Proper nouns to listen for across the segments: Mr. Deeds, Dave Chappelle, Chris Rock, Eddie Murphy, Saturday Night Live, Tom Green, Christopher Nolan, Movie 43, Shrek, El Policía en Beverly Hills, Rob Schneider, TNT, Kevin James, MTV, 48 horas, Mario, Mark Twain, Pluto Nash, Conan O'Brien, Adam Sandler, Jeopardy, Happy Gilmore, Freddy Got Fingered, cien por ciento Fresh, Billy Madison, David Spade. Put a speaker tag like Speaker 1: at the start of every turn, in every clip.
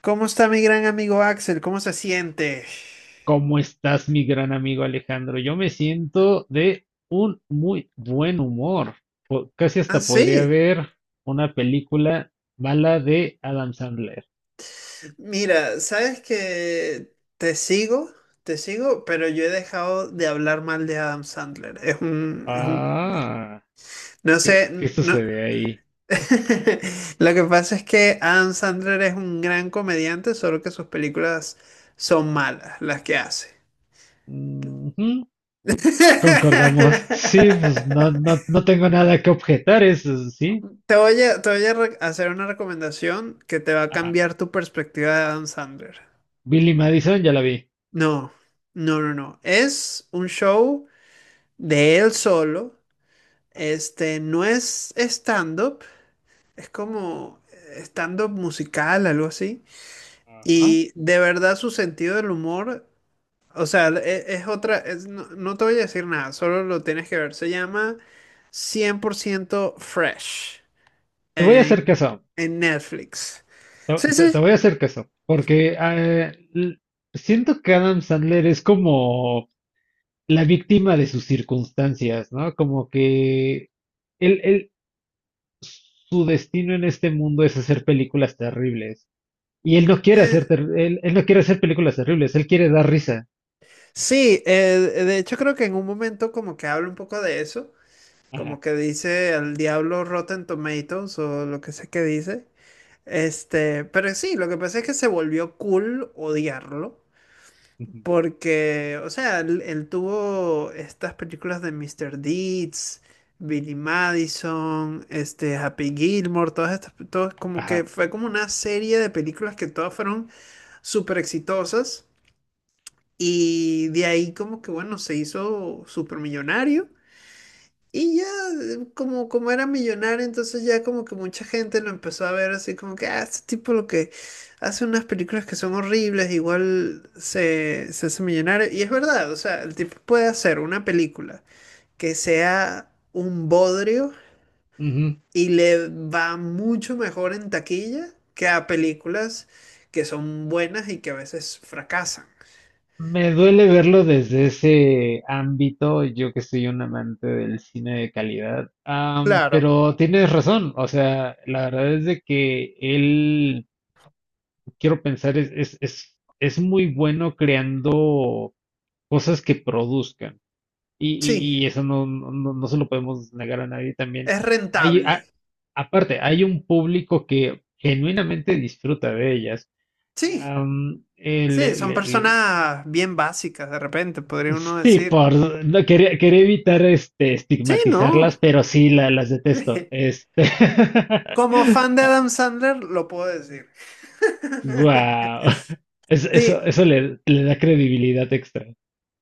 Speaker 1: ¿Cómo está mi gran amigo Axel? ¿Cómo se siente?
Speaker 2: ¿Cómo estás, mi gran amigo Alejandro? Yo me siento de un muy buen humor. Casi
Speaker 1: Ah,
Speaker 2: hasta podría
Speaker 1: sí.
Speaker 2: ver una película mala de Adam Sandler.
Speaker 1: Mira, sabes que te sigo, pero yo he dejado de hablar mal de Adam Sandler. Es un,
Speaker 2: Ah,
Speaker 1: no sé,
Speaker 2: ¿qué
Speaker 1: no.
Speaker 2: sucede ahí?
Speaker 1: Lo que pasa es que Adam Sandler es un gran comediante, solo que sus películas son malas, las que hace.
Speaker 2: Ujú. Concordamos. Sí, pues no tengo nada que objetar, eso sí.
Speaker 1: Te voy a re- hacer una recomendación que te va a
Speaker 2: Ajá.
Speaker 1: cambiar tu perspectiva de Adam Sandler.
Speaker 2: Billy Madison, ya la vi.
Speaker 1: No, no. Es un show de él solo. Este no es stand-up, es como stand-up musical, algo así.
Speaker 2: Ajá.
Speaker 1: Y de verdad su sentido del humor, o sea, no, no te voy a decir nada, solo lo tienes que ver. Se llama cien por ciento Fresh
Speaker 2: Te voy a
Speaker 1: en,
Speaker 2: hacer caso.
Speaker 1: en Netflix.
Speaker 2: Te,
Speaker 1: Sí,
Speaker 2: te- te
Speaker 1: sí.
Speaker 2: voy a hacer caso. Porque siento que Adam Sandler es como la víctima de sus circunstancias, ¿no? Como que él, él, su destino en este mundo es hacer películas terribles. Y él no quiere hacer,
Speaker 1: eh,
Speaker 2: ter- él no quiere hacer películas terribles, él quiere dar risa.
Speaker 1: sí, de hecho creo que en un momento como que habla un poco de eso.
Speaker 2: Ajá.
Speaker 1: Como que dice al diablo Rotten Tomatoes o lo que sé que dice. Pero sí, lo que pasa es que se volvió cool odiarlo.
Speaker 2: Ujú.
Speaker 1: Porque, o sea, él tuvo estas películas de Mr. Deeds, Billy Madison, este, Happy Gilmore, todas estas, todas como que
Speaker 2: Ajá.
Speaker 1: fue como una serie de películas que todas fueron súper exitosas. Y de ahí como que, bueno, se hizo súper millonario. Y ya, como, como era millonario, entonces ya como que mucha gente lo empezó a ver así como que, ah, este tipo lo que hace unas películas que son horribles, igual se hace millonario. Y es verdad, o sea, el tipo puede hacer una película que sea un bodrio
Speaker 2: Ujú.
Speaker 1: y le va mucho mejor en taquilla que a películas que son buenas y que a veces fracasan.
Speaker 2: Me duele verlo desde ese ámbito, yo que soy un amante del cine de calidad.
Speaker 1: Claro.
Speaker 2: Pero tienes razón, o sea, la verdad es de que quiero pensar, es muy bueno creando cosas que produzcan. Y,
Speaker 1: Sí,
Speaker 2: y- y eso no se lo podemos negar a nadie también.
Speaker 1: es
Speaker 2: Hay, a-
Speaker 1: rentable.
Speaker 2: Aparte, hay un público que genuinamente disfruta de ellas.
Speaker 1: Sí.
Speaker 2: Am,
Speaker 1: Sí,
Speaker 2: le-
Speaker 1: son
Speaker 2: le- le-
Speaker 1: personas bien básicas de repente, podría uno
Speaker 2: Sí,
Speaker 1: decir.
Speaker 2: no, quería evitar este,
Speaker 1: Sí, no.
Speaker 2: estigmatizarlas, pero sí las detesto. Este,
Speaker 1: Como fan de Adam Sandler, lo puedo decir.
Speaker 2: wow.
Speaker 1: Sí.
Speaker 2: Eso le da credibilidad extra.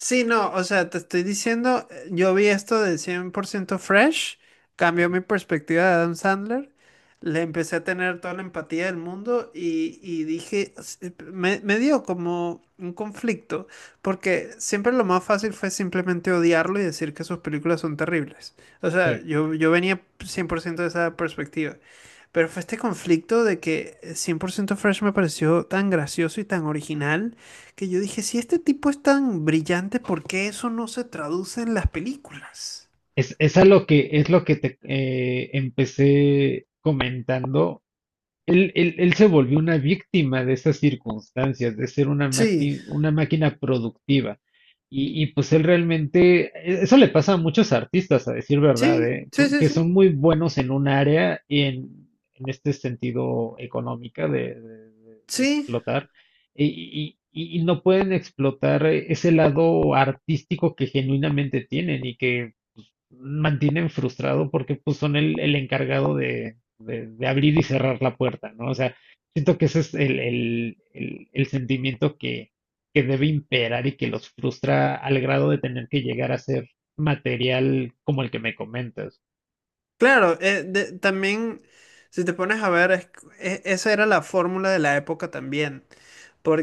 Speaker 1: Sí, no, o sea, te estoy diciendo, yo vi esto de cien por ciento Fresh, cambió mi perspectiva de Adam Sandler, le empecé a tener toda la empatía del mundo y dije, me dio como un conflicto, porque siempre lo más fácil fue simplemente odiarlo y decir que sus películas son terribles. O sea,
Speaker 2: Sí.
Speaker 1: yo venía 100% de esa perspectiva. Pero fue este conflicto de que cien por ciento Fresh me pareció tan gracioso y tan original que yo dije, si este tipo es tan brillante, ¿por qué eso no se traduce en las películas?
Speaker 2: Es a lo que es lo que te empecé comentando. Él se volvió una víctima de esas circunstancias, de ser
Speaker 1: Sí,
Speaker 2: una máquina productiva. Pues él realmente, eso le pasa a muchos artistas, a decir verdad,
Speaker 1: sí,
Speaker 2: ¿eh?
Speaker 1: sí, sí,
Speaker 2: Que
Speaker 1: sí.
Speaker 2: son muy buenos en un área y en este sentido económica de, de
Speaker 1: Sí,
Speaker 2: explotar, y no pueden explotar ese lado artístico que genuinamente tienen y que mantienen frustrado porque pues son el encargado de, de abrir y cerrar la puerta, ¿no? O sea, siento que ese es el sentimiento que debe imperar y que los frustra al grado de tener que llegar a ser material como el que me comentas.
Speaker 1: claro, también si te pones a ver, esa era la fórmula de la época también,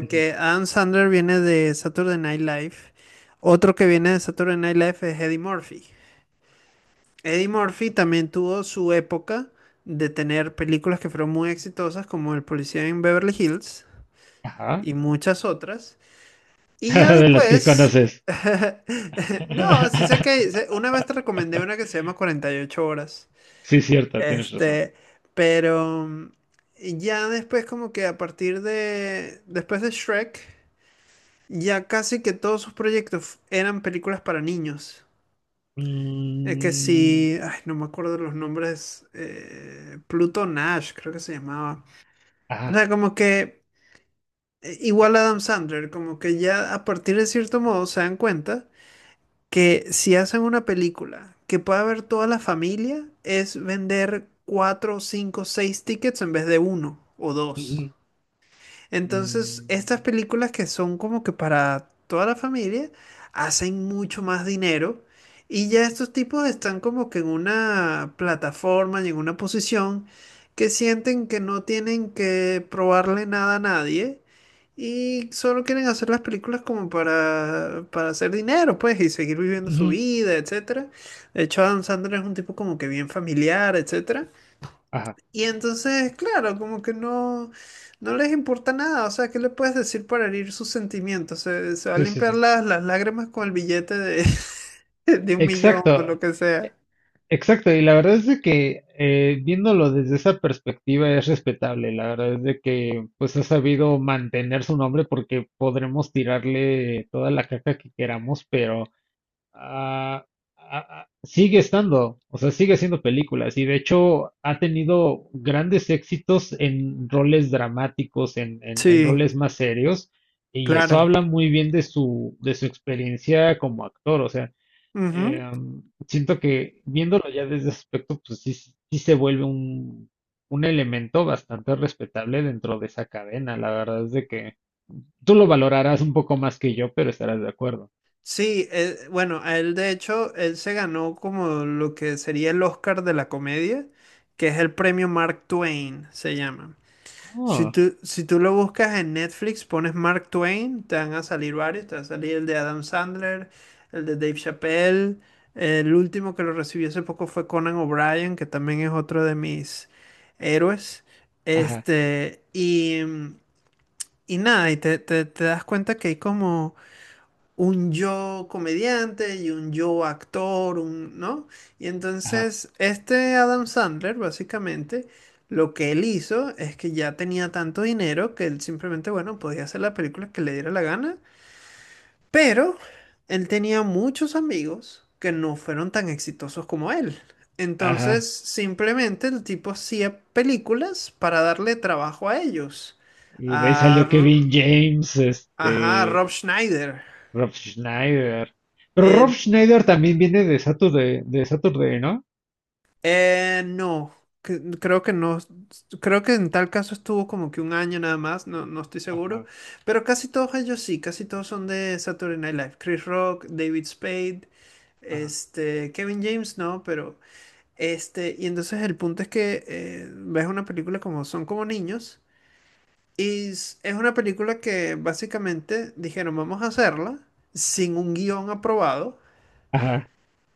Speaker 2: Ujú.
Speaker 1: Adam Sandler viene de Saturday Night Live, otro que viene de Saturday Night Live es Eddie Murphy. Eddie Murphy también tuvo su época de tener películas que fueron muy exitosas, como El Policía en Beverly Hills
Speaker 2: Ajá.
Speaker 1: y muchas otras. Y ya
Speaker 2: De las que
Speaker 1: después,
Speaker 2: conoces.
Speaker 1: no, sí sé que una vez te recomendé una que se llama 48 horas.
Speaker 2: Sí, cierto, tienes razón.
Speaker 1: Este, pero ya después como que a partir de, después de Shrek, ya casi que todos sus proyectos eran películas para niños. Es que sí,
Speaker 2: Mm,
Speaker 1: ay, no me acuerdo los nombres. Pluto Nash, creo que se llamaba. O
Speaker 2: ajá.
Speaker 1: sea, como que igual Adam Sandler, como que ya a partir de cierto modo se dan cuenta que si hacen una película que pueda ver toda la familia, es vender cuatro, cinco, seis tickets en vez de uno o dos.
Speaker 2: Ujú,
Speaker 1: Entonces, estas
Speaker 2: mm,
Speaker 1: películas que son como que para toda la familia hacen mucho más dinero y ya estos tipos están como que en una plataforma y en una posición que sienten que no tienen que probarle nada a nadie y solo quieren hacer las películas como para hacer dinero, pues, y seguir viviendo
Speaker 2: mm,
Speaker 1: su
Speaker 2: ujú,
Speaker 1: vida, etcétera. De hecho, Adam Sandler es un tipo como que bien familiar, etcétera.
Speaker 2: ajá.
Speaker 1: Y entonces, claro, como que no, no les importa nada. O sea, ¿qué le puedes decir para herir sus sentimientos? Se va a
Speaker 2: Sí, sí,
Speaker 1: limpiar
Speaker 2: sí.
Speaker 1: las lágrimas con el billete de, de un millón o lo
Speaker 2: Exacto.
Speaker 1: que sea.
Speaker 2: Exacto, y la verdad es de que viéndolo desde esa perspectiva es respetable, la verdad es de que pues ha sabido mantener su nombre porque podremos tirarle toda la caca que queramos, pero ah, ah, sigue estando, o sea, sigue haciendo películas y de hecho ha tenido grandes éxitos en roles dramáticos, en
Speaker 1: Sí,
Speaker 2: roles más serios, y eso
Speaker 1: claro.
Speaker 2: habla muy bien de su experiencia como actor, o sea.
Speaker 1: Ujú.
Speaker 2: Eh, siento que viéndolo ya desde ese aspecto, pues sí, sí se vuelve un elemento bastante respetable dentro de esa cadena. La verdad es de que tú lo valorarás un poco más que yo, pero estarás de acuerdo.
Speaker 1: Sí, bueno, a él de hecho, él se ganó como lo que sería el Oscar de la comedia, que es el premio Mark Twain, se llama.
Speaker 2: Oh,
Speaker 1: Si tú lo buscas en Netflix, pones Mark Twain, te van a salir varios, te va a salir el de Adam Sandler, el de Dave Chappelle, el último que lo recibí hace poco fue Conan O'Brien, que también es otro de mis héroes.
Speaker 2: ajá,
Speaker 1: Este, y, y nada, y te das cuenta que hay como un yo comediante y un yo actor, un, ¿no? Y
Speaker 2: ajá,
Speaker 1: entonces este Adam Sandler, básicamente, lo que él hizo es que ya tenía tanto dinero que él simplemente, bueno, podía hacer la película que le diera la gana, pero él tenía muchos amigos que no fueron tan exitosos como él.
Speaker 2: ajá.
Speaker 1: Entonces, simplemente el tipo hacía películas para darle trabajo a ellos.
Speaker 2: Y de ahí
Speaker 1: A,
Speaker 2: salió
Speaker 1: R-
Speaker 2: Kevin James,
Speaker 1: ajá, a Rob
Speaker 2: este,
Speaker 1: Schneider.
Speaker 2: Rob Schneider. Pero Rob
Speaker 1: Eh,
Speaker 2: Schneider también viene de Saturday, ¿no?
Speaker 1: No, creo que no. Creo que en tal caso estuvo como que un año nada más, no, no estoy seguro.
Speaker 2: Ajá,
Speaker 1: Pero casi todos ellos sí, casi todos son de Saturday Night Live. Chris Rock, David Spade,
Speaker 2: ajá,
Speaker 1: este, Kevin James, no, pero este, y entonces el punto es que ves una película como son como niños. Y es una película que básicamente dijeron, vamos a hacerla sin un guión aprobado
Speaker 2: ajá.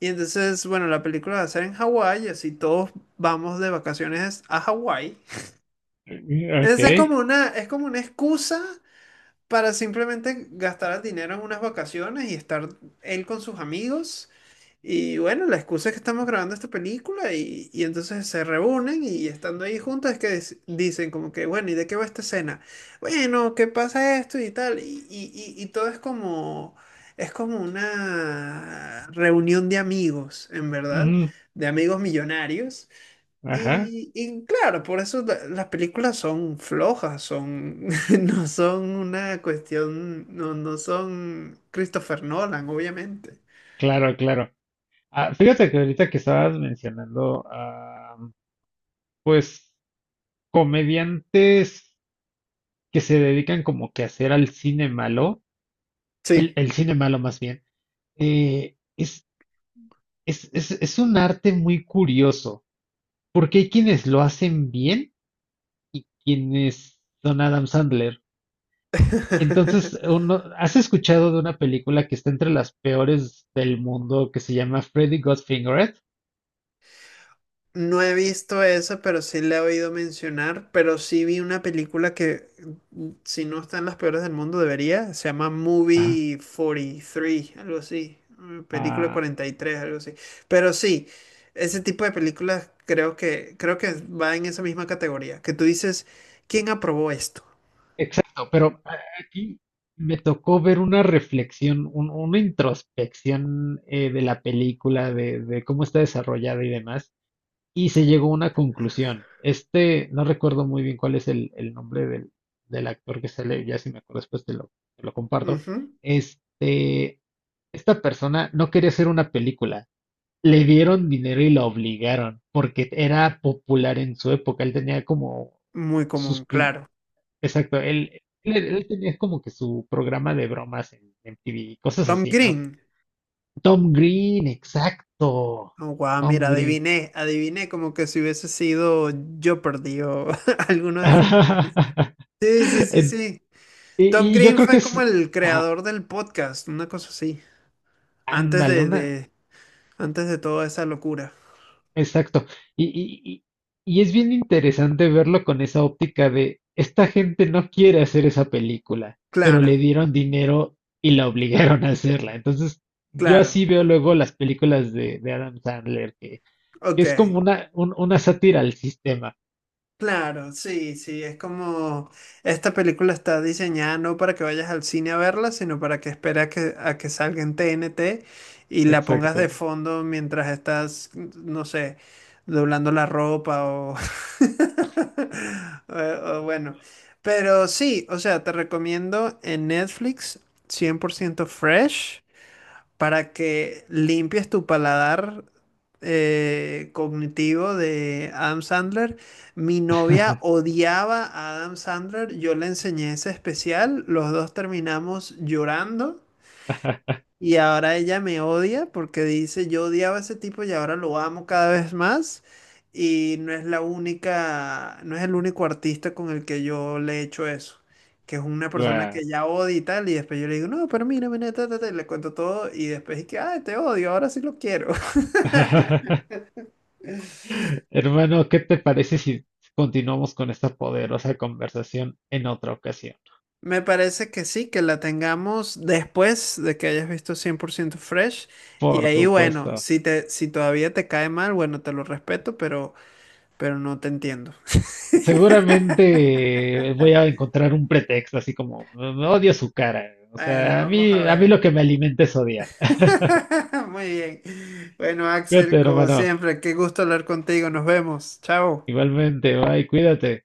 Speaker 1: y entonces, bueno, la película va a ser en Hawái, así todos vamos de vacaciones a Hawái.
Speaker 2: Ok.
Speaker 1: Entonces es como una excusa para simplemente gastar el dinero en unas vacaciones y estar él con sus amigos. Y bueno, la excusa es que estamos grabando esta película y entonces se reúnen y estando ahí juntos es que dicen como que, bueno, ¿y de qué va esta escena? Bueno, ¿qué pasa esto y tal? Y todo es como una reunión de amigos, en verdad,
Speaker 2: Ujú.
Speaker 1: de amigos millonarios.
Speaker 2: Ajá,
Speaker 1: Y claro, por eso las películas son flojas, son, no son una cuestión, no, no son Christopher Nolan, obviamente.
Speaker 2: claro, claro. Ah, fíjate que ahorita que estabas mencionando, ah, pues comediantes que se dedican como que a hacer al cine malo,
Speaker 1: Sí.
Speaker 2: el cine malo más bien, eh, es, es un arte muy curioso, porque hay quienes lo hacen bien y quienes son Adam Sandler. Entonces, uno, ¿has escuchado de una película que está entre las peores del mundo que se llama Freddy Got Fingered?
Speaker 1: No he visto esa, pero sí la he oído mencionar, pero sí vi una película que, si no está en las peores del mundo, debería. Se llama Movie 43, algo así. Película
Speaker 2: Ajá.
Speaker 1: 43, algo así. Pero sí, ese tipo de películas creo que va en esa misma categoría. Que tú dices, ¿quién aprobó esto?
Speaker 2: Exacto, pero aquí me tocó ver una reflexión, una introspección de la película, de cómo está desarrollada y demás, y se llegó a una conclusión. Este, no recuerdo muy bien cuál es el nombre del, del actor que sale, ya si me acuerdo después te lo comparto.
Speaker 1: Ujú.
Speaker 2: Este, esta persona no quería hacer una película. Le dieron dinero y lo obligaron, porque era popular en su época. Él tenía como
Speaker 1: Muy común, claro.
Speaker 2: Exacto, él tenía como que su programa de bromas en MTV y cosas
Speaker 1: Tom
Speaker 2: así, ¿no?
Speaker 1: Green.
Speaker 2: Tom Green, exacto.
Speaker 1: Oh, guau,
Speaker 2: Tom
Speaker 1: mira,
Speaker 2: Green.
Speaker 1: adiviné como que si hubiese sido Jeopardy o alguno de esos. Sí, sí, sí,
Speaker 2: En-
Speaker 1: sí. Tom
Speaker 2: Y, y yo
Speaker 1: Green
Speaker 2: creo que
Speaker 1: fue como
Speaker 2: es,
Speaker 1: el
Speaker 2: ajá,
Speaker 1: creador del podcast, una cosa así. Antes
Speaker 2: ándale,
Speaker 1: de,
Speaker 2: una,
Speaker 1: de, antes de toda esa locura.
Speaker 2: exacto. Y y es bien interesante verlo con esa óptica de, esta gente no quiere hacer esa película, pero le
Speaker 1: Claro,
Speaker 2: dieron dinero y la obligaron a hacerla. Entonces, yo
Speaker 1: claro.
Speaker 2: así veo luego las películas de Adam Sandler.
Speaker 1: Ok.
Speaker 2: Es como una sátira al sistema.
Speaker 1: Claro, sí, sí, es como esta película está diseñada no para que vayas al cine a verla, sino para que esperes a que salga en TNT y la pongas de
Speaker 2: Exacto.
Speaker 1: fondo mientras estás, no sé, doblando la ropa o bueno. Pero sí, o sea, te recomiendo en Netflix cien por ciento Fresh para que limpies tu paladar cognitivo de Adam Sandler. Mi novia odiaba a Adam Sandler, yo le enseñé ese especial, los dos terminamos llorando y ahora ella me odia porque dice, yo odiaba a ese tipo y ahora lo amo cada vez más. Y no es la única, no es el único artista con el que yo le he hecho eso. Que es una persona
Speaker 2: Guau.
Speaker 1: que ya odia y tal. Y después yo le digo, no, pero mira, mira, ta, ta, ta", y le cuento todo. Y después es que, ah, te odio, ahora sí lo quiero.
Speaker 2: Hermano, ¿qué te parece si continuamos con esta poderosa conversación en otra ocasión?
Speaker 1: Me parece que sí, que la tengamos después de que hayas visto cien por ciento Fresh. Y
Speaker 2: Por
Speaker 1: ahí, bueno,
Speaker 2: supuesto.
Speaker 1: si todavía te cae mal, bueno, te lo respeto, pero no te entiendo.
Speaker 2: Seguramente voy a encontrar un pretexto, así como "Mm, odio su cara. O
Speaker 1: Bueno,
Speaker 2: sea,
Speaker 1: vamos a
Speaker 2: a mí
Speaker 1: ver.
Speaker 2: lo que me alimenta es odiar.
Speaker 1: Muy bien. Bueno,
Speaker 2: Cuídate,
Speaker 1: Axel, como
Speaker 2: hermano.
Speaker 1: siempre, qué gusto hablar contigo. Nos vemos. Chao.
Speaker 2: Igualmente, bye, cuídate.